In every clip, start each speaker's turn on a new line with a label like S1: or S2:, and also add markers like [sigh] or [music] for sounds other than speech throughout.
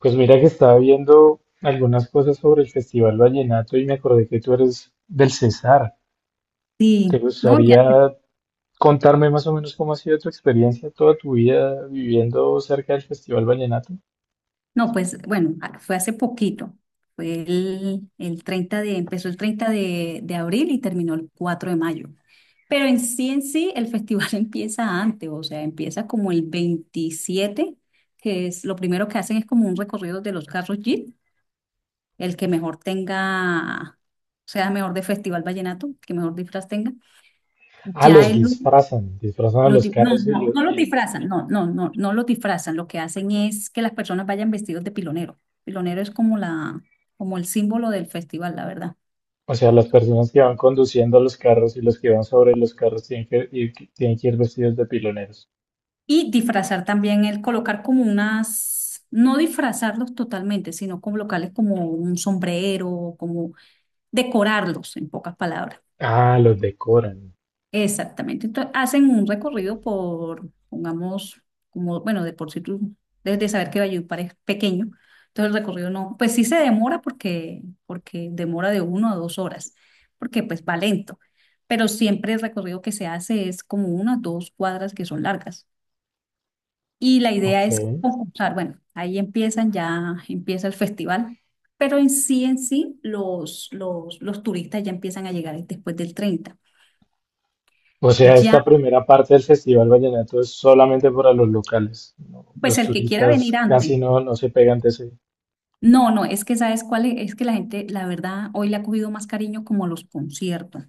S1: Pues mira que estaba viendo algunas cosas sobre el Festival Vallenato y me acordé que tú eres del Cesar. ¿Te
S2: Sí, no, ya,
S1: gustaría contarme más o menos cómo ha sido tu experiencia toda tu vida viviendo cerca del Festival Vallenato?
S2: no, pues bueno, fue hace poquito, fue el 30 de, empezó el 30 de abril y terminó el 4 de mayo. Pero en sí, el festival [laughs] empieza antes, o sea, empieza como el 27, que es lo primero que hacen es como un recorrido de los carros Jeep, el que mejor tenga, sea mejor de Festival Vallenato, que mejor disfraz tenga.
S1: Ah,
S2: Ya
S1: los
S2: el
S1: disfrazan, disfrazan a los
S2: No,
S1: carros
S2: no, no lo disfrazan, no, no, no, no lo disfrazan. Lo que hacen es que las personas vayan vestidos de pilonero. Pilonero es como la, como el símbolo del festival, la verdad.
S1: o sea, las personas que van conduciendo los carros y los que van sobre los carros tienen que ir vestidos de piloneros.
S2: Y disfrazar también el colocar como unas, no disfrazarlos totalmente, sino colocarles como un sombrero, como decorarlos, en pocas palabras.
S1: Ah, los decoran.
S2: Exactamente. Entonces, hacen un recorrido por, pongamos, como, bueno, de por sí tú debes de saber que Valledupar es pequeño, entonces el recorrido no, pues sí se demora porque, porque demora de uno a dos horas, porque pues va lento, pero siempre el recorrido que se hace es como unas dos cuadras que son largas. Y la idea
S1: Ok.
S2: es concursar, bueno, ahí empiezan ya, empieza el festival, pero en sí, los turistas ya empiezan a llegar después del treinta
S1: O sea,
S2: ya.
S1: esta primera parte del Festival Vallenato es solamente para los locales, ¿no?
S2: Pues
S1: Los
S2: el que quiera
S1: turistas
S2: venir
S1: casi
S2: antes.
S1: no, no se pegan de ese.
S2: No, no, es que sabes cuál es que la gente, la verdad, hoy le ha cogido más cariño como los conciertos.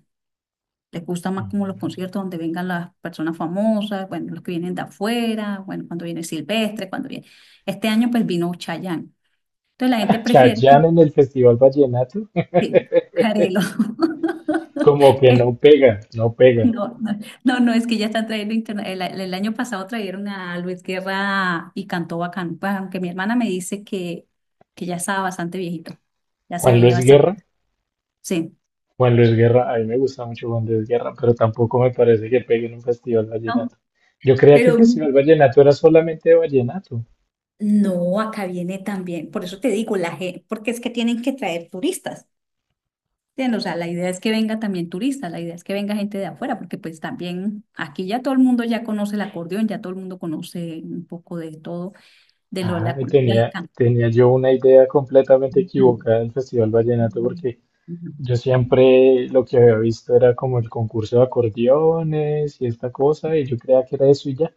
S2: Le gusta más como los conciertos donde vengan las personas famosas, bueno, los que vienen de afuera, bueno, cuando viene Silvestre, cuando viene. Este año pues vino Chayanne. Entonces la gente
S1: [laughs]
S2: prefiere
S1: Chayanne en el Festival Vallenato,
S2: sí, Jarelo.
S1: como que no
S2: [laughs]
S1: pega, no pega.
S2: No, no, no, no, es que ya están trayendo el año pasado trajeron a Luis Guerra y cantó bacán. Pues aunque mi hermana me dice que ya estaba bastante viejito, ya se
S1: Juan
S2: veía
S1: Luis
S2: bastante.
S1: Guerra.
S2: Sí,
S1: Juan Luis Guerra, a mí me gusta mucho Juan Luis Guerra, pero tampoco me parece que pegue en un Festival
S2: no,
S1: Vallenato. Yo creía que
S2: pero
S1: el Festival Vallenato era solamente de vallenato.
S2: no, acá viene también. Por eso te digo, la gente, porque es que tienen que traer turistas. ¿Entiendes? O sea, la idea es que venga también turistas, la idea es que venga gente de afuera, porque pues también aquí ya todo el mundo ya conoce el acordeón, ya todo el mundo conoce un poco de todo, de lo de
S1: Ah,
S2: la cultura del canto.
S1: tenía yo una idea completamente
S2: Ujú.
S1: equivocada del Festival Vallenato porque
S2: Ujú.
S1: yo siempre lo que había visto era como el concurso de acordeones y esta cosa, y yo creía que era eso y ya.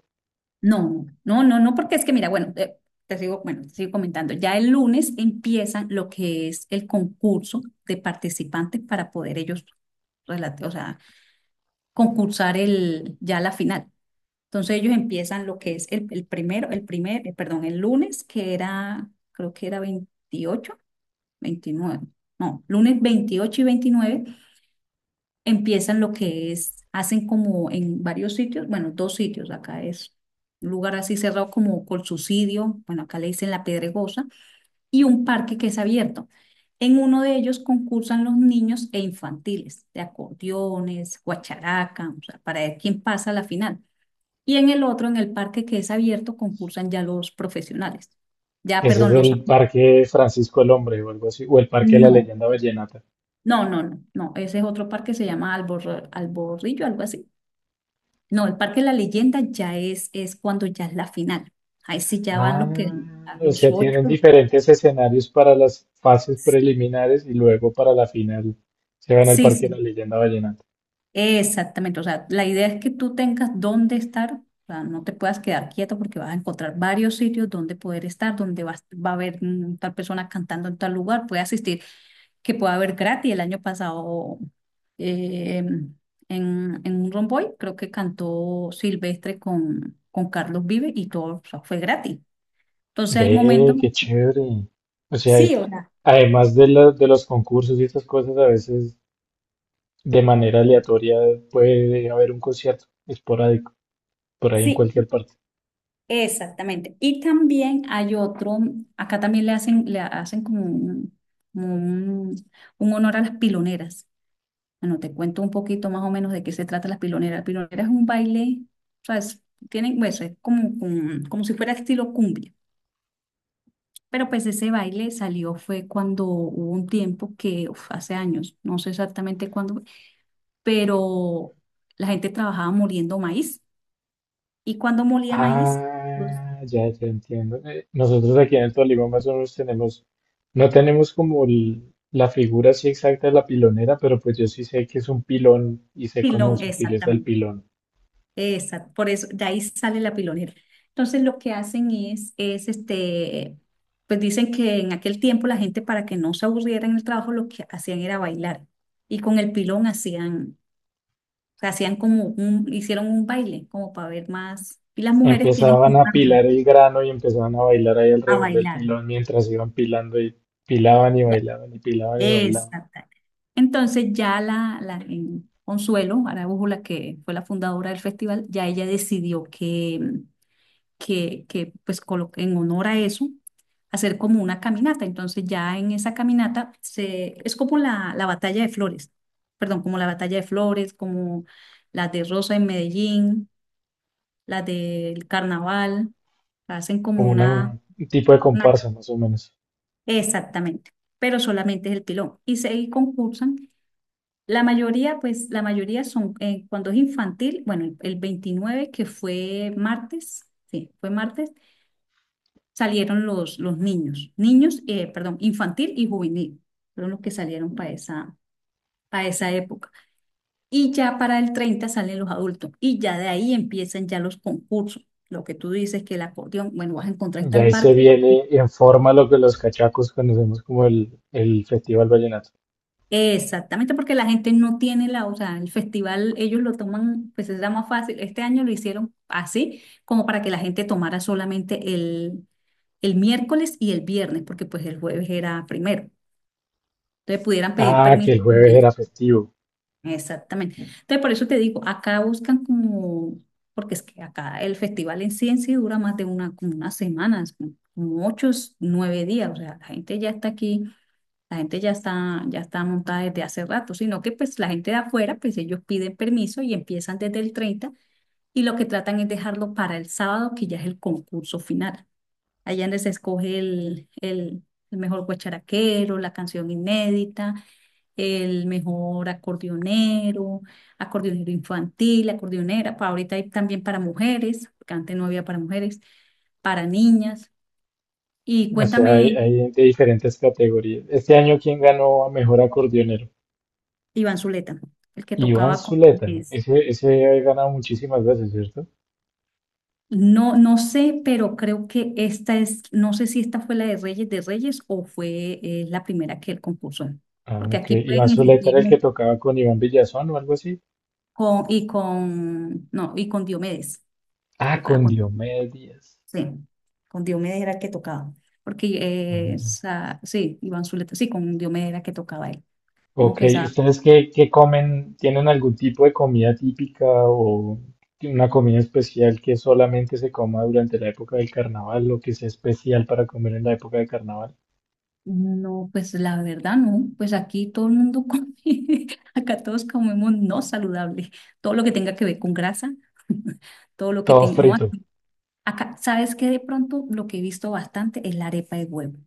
S2: No, no, no, no, porque es que mira, bueno, te sigo, bueno, te sigo comentando. Ya el lunes empiezan lo que es el concurso de participantes para poder ellos, o sea, concursar el, ya la final. Entonces ellos empiezan lo que es el primero, el primer, perdón, el lunes, que era, creo que era 28, 29, no, lunes 28 y 29 empiezan lo que es, hacen como en varios sitios, bueno, dos sitios, acá es un lugar así cerrado como Colsucidio, bueno, acá le dicen La Pedregosa, y un parque que es abierto. En uno de ellos concursan los niños e infantiles, de acordeones, guacharaca, o sea, para ver quién pasa a la final. Y en el otro, en el parque que es abierto, concursan ya los profesionales. Ya,
S1: Ese es
S2: perdón, los.
S1: el Parque Francisco el Hombre o algo así, o el Parque de la
S2: No,
S1: Leyenda Vallenata.
S2: no, no, no, no. Ese es otro parque, se llama Albor, Alborrillo, algo así. No, el Parque de la Leyenda ya es cuando ya es la final. Ahí sí ya van
S1: Ah,
S2: los que a
S1: o
S2: los
S1: sea,
S2: ocho.
S1: tienen diferentes escenarios para las fases preliminares y luego para la final se van al
S2: Sí,
S1: Parque de la
S2: sí,
S1: Leyenda Vallenata.
S2: exactamente. O sea, la idea es que tú tengas dónde estar, o sea, no te puedas quedar quieto porque vas a encontrar varios sitios donde poder estar, donde vas, va a haber tal persona cantando en tal lugar, puede asistir, que pueda haber gratis. El año pasado eh, en, en un Romboy creo que cantó Silvestre con Carlos Vive y todo, o sea, fue gratis. Entonces hay
S1: Ve,
S2: momentos.
S1: qué chévere. O sea, y
S2: Sí, o sea,
S1: de los concursos y estas cosas, a veces de manera aleatoria puede haber un concierto esporádico por ahí en
S2: sí,
S1: cualquier parte.
S2: exactamente. Y también hay otro, acá también le hacen como un honor a las piloneras. Bueno, te cuento un poquito más o menos de qué se trata las piloneras. Piloneras es un baile, o sea, tienen, pues, es como, como, como si fuera estilo cumbia. Pero pues ese baile salió fue cuando hubo un tiempo que, hace años, no sé exactamente cuándo, pero la gente trabajaba moliendo maíz. Y cuando molía maíz,
S1: Ah, ya, ya entiendo. Nosotros aquí en el Tolima más o menos no tenemos como la figura así exacta de la pilonera, pero pues yo sí sé que es un pilón y sé cómo
S2: Pilón,
S1: se utiliza el
S2: exactamente.
S1: pilón.
S2: Exacto. Por eso, de ahí sale la pilonera. Entonces, lo que hacen es este, pues dicen que en aquel tiempo la gente para que no se aburriera en el trabajo, lo que hacían era bailar. Y con el pilón hacían, o sea, hacían como un, hicieron un baile, como para ver más. Y las mujeres tienen
S1: Empezaban
S2: como
S1: a pilar el grano y empezaban a bailar ahí
S2: a
S1: alrededor del
S2: bailar.
S1: pilón mientras iban pilando y pilaban y bailaban y pilaban y bailaban,
S2: Exacto. Entonces, ya la en Consuelo Araújo, la que fue la fundadora del festival, ya ella decidió que, pues en honor a eso, hacer como una caminata. Entonces ya en esa caminata se, es como la batalla de flores, perdón, como la batalla de flores, como las de Rosa en Medellín, las del carnaval, hacen como
S1: como
S2: una,
S1: un tipo de
S2: una.
S1: comparsa más o menos.
S2: Exactamente, pero solamente es el pilón. Y se y concursan. La mayoría, pues la mayoría son, cuando es infantil, bueno, el 29 que fue martes, sí, fue martes, salieron los niños, niños, perdón, infantil y juvenil, fueron los que salieron para esa época. Y ya para el 30 salen los adultos y ya de ahí empiezan ya los concursos. Lo que tú dices que el acordeón, bueno, vas a encontrar en
S1: Y
S2: tal
S1: ahí se
S2: parque.
S1: viene en forma lo que los cachacos conocemos como el Festival Vallenato.
S2: Exactamente, porque la gente no tiene la, o sea, el festival ellos lo toman, pues es la más fácil. Este año lo hicieron así, como para que la gente tomara solamente el miércoles y el viernes, porque pues el jueves era primero. Entonces pudieran pedir
S1: Ah, que
S2: permiso.
S1: el jueves era festivo.
S2: Exactamente. Entonces, por eso te digo, acá buscan como, porque es que acá el festival en sí dura más de una, como unas semanas, como como ocho, nueve días. O sea, la gente ya está aquí, la gente ya está montada desde hace rato, sino que pues la gente de afuera, pues ellos piden permiso y empiezan desde el 30 y lo que tratan es dejarlo para el sábado, que ya es el concurso final. Allá donde se escoge el mejor guacharaquero, la canción inédita el mejor acordeonero, acordeonero infantil, acordeonera, para ahorita hay también para mujeres, porque antes no había para mujeres, para niñas. Y
S1: O sea,
S2: cuéntame,
S1: hay de diferentes categorías. Este año, ¿quién ganó a mejor acordeonero?
S2: Iván Zuleta, el que
S1: Iván
S2: tocaba con
S1: Zuleta.
S2: es-
S1: Ese ha ganado muchísimas veces, ¿cierto?
S2: No, no sé, pero creo que esta es, no sé si esta fue la de Reyes o fue la primera que él compuso,
S1: Ah,
S2: porque
S1: ok.
S2: aquí
S1: Iván
S2: pueden
S1: Zuleta
S2: existir
S1: era el que tocaba con Iván Villazón o algo así.
S2: con, y con, no, y con Diomedes,
S1: Ah,
S2: tocaba
S1: con
S2: con
S1: Diomedes Díaz.
S2: Sí, con Diomedes era que tocaba. Porque
S1: Ah,
S2: sí, Iván Zuleta, sí, con Diomedes era que tocaba él. No
S1: ok,
S2: que esa,
S1: ustedes qué comen. ¿Tienen algún tipo de comida típica o una comida especial que solamente se coma durante la época del carnaval o que sea especial para comer en la época del carnaval?
S2: no, pues la verdad no, pues aquí todo el mundo come, [laughs] acá todos comemos no saludable, todo lo que tenga que ver con grasa, [laughs] todo lo que
S1: Todo
S2: tenga, no,
S1: frito.
S2: acá, ¿sabes qué? De pronto lo que he visto bastante es la arepa de huevo.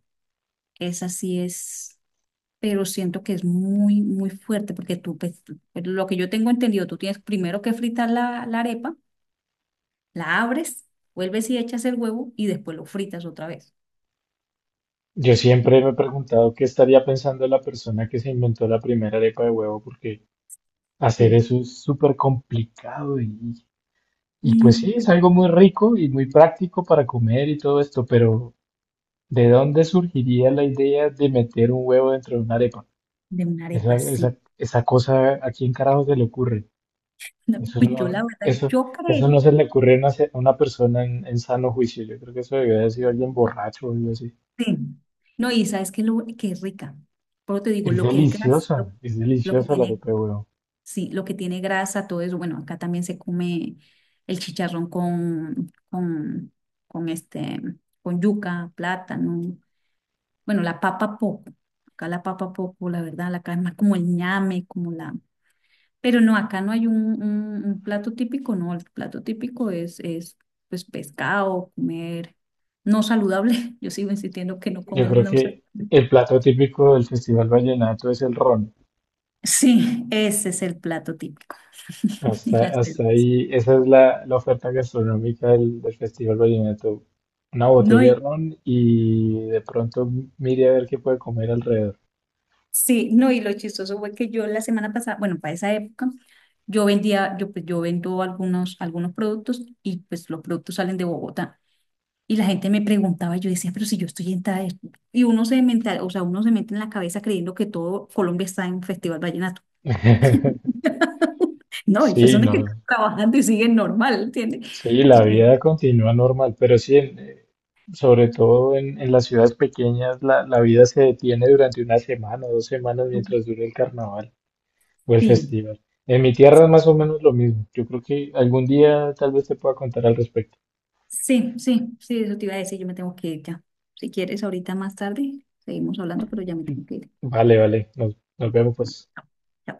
S2: Esa sí es, pero siento que es muy, muy fuerte porque tú, pues, pero lo que yo tengo entendido, tú tienes primero que fritar la la arepa la abres, vuelves y echas el huevo y después lo fritas otra vez.
S1: Yo siempre me he preguntado qué estaría pensando la persona que se inventó la primera arepa de huevo, porque hacer
S2: Sí.
S1: eso es súper complicado y pues sí,
S2: Mm, pues,
S1: es algo muy rico y muy práctico para comer y todo esto, pero ¿de dónde surgiría la idea de meter un huevo dentro de una arepa?
S2: de una arepa, sí.
S1: Esa cosa, ¿a quién carajo se le ocurre?
S2: [laughs] No,
S1: Eso
S2: pues yo
S1: no,
S2: la verdad,
S1: eso,
S2: yo
S1: eso
S2: creería,
S1: no se le ocurre a una, a una persona en sano juicio. Yo creo que eso debió haber sido alguien borracho o algo así.
S2: sí. No, y sabes que, que es rica. Pero te digo, lo que es grasa,
S1: Es
S2: lo que
S1: deliciosa la
S2: tiene,
S1: arepa de huevo.
S2: sí, lo que tiene grasa, todo eso. Bueno, acá también se come el chicharrón con este, con yuca, plátano. Bueno, la papa poco. Acá la papa poco, la verdad, la acá es más como el ñame, como la, pero no, acá no hay un, un plato típico, no, el plato típico es pues pescado, comer no saludable. [laughs] Yo sigo insistiendo que no
S1: Yo
S2: comer
S1: creo
S2: no
S1: que
S2: saludable.
S1: el plato típico del Festival Vallenato es el ron.
S2: Sí, ese es el plato típico. [laughs] Y las
S1: Hasta
S2: cervezas.
S1: ahí, esa es la oferta gastronómica del Festival Vallenato. Una
S2: No,
S1: botella de
S2: y,
S1: ron y de pronto mire a ver qué puede comer alrededor.
S2: sí, no, y lo chistoso fue que yo la semana pasada, bueno, para esa época, yo vendía, yo, pues, yo vendo algunos productos y pues los productos salen de Bogotá. Y la gente me preguntaba, yo decía, pero si yo estoy en tal. Y uno se mental, o sea, uno se mete en la cabeza creyendo que todo Colombia está en Festival Vallenato.
S1: [laughs]
S2: [laughs] No, hay
S1: Sí,
S2: personas
S1: no.
S2: que están trabajando y siguen normal, ¿entiendes?
S1: Sí,
S2: Sí,
S1: la vida continúa normal, pero sí, sobre todo en las ciudades pequeñas, la vida se detiene durante una semana o dos semanas mientras dure el carnaval o el
S2: sí,
S1: festival. En mi tierra es más o menos lo mismo. Yo creo que algún día tal vez te pueda contar al respecto.
S2: sí, sí, sí, eso te iba a decir, yo me tengo que ir ya. Si quieres, ahorita más tarde, seguimos hablando, pero ya me tengo que ir.
S1: Vale, vale. Nos vemos pues.
S2: Chao.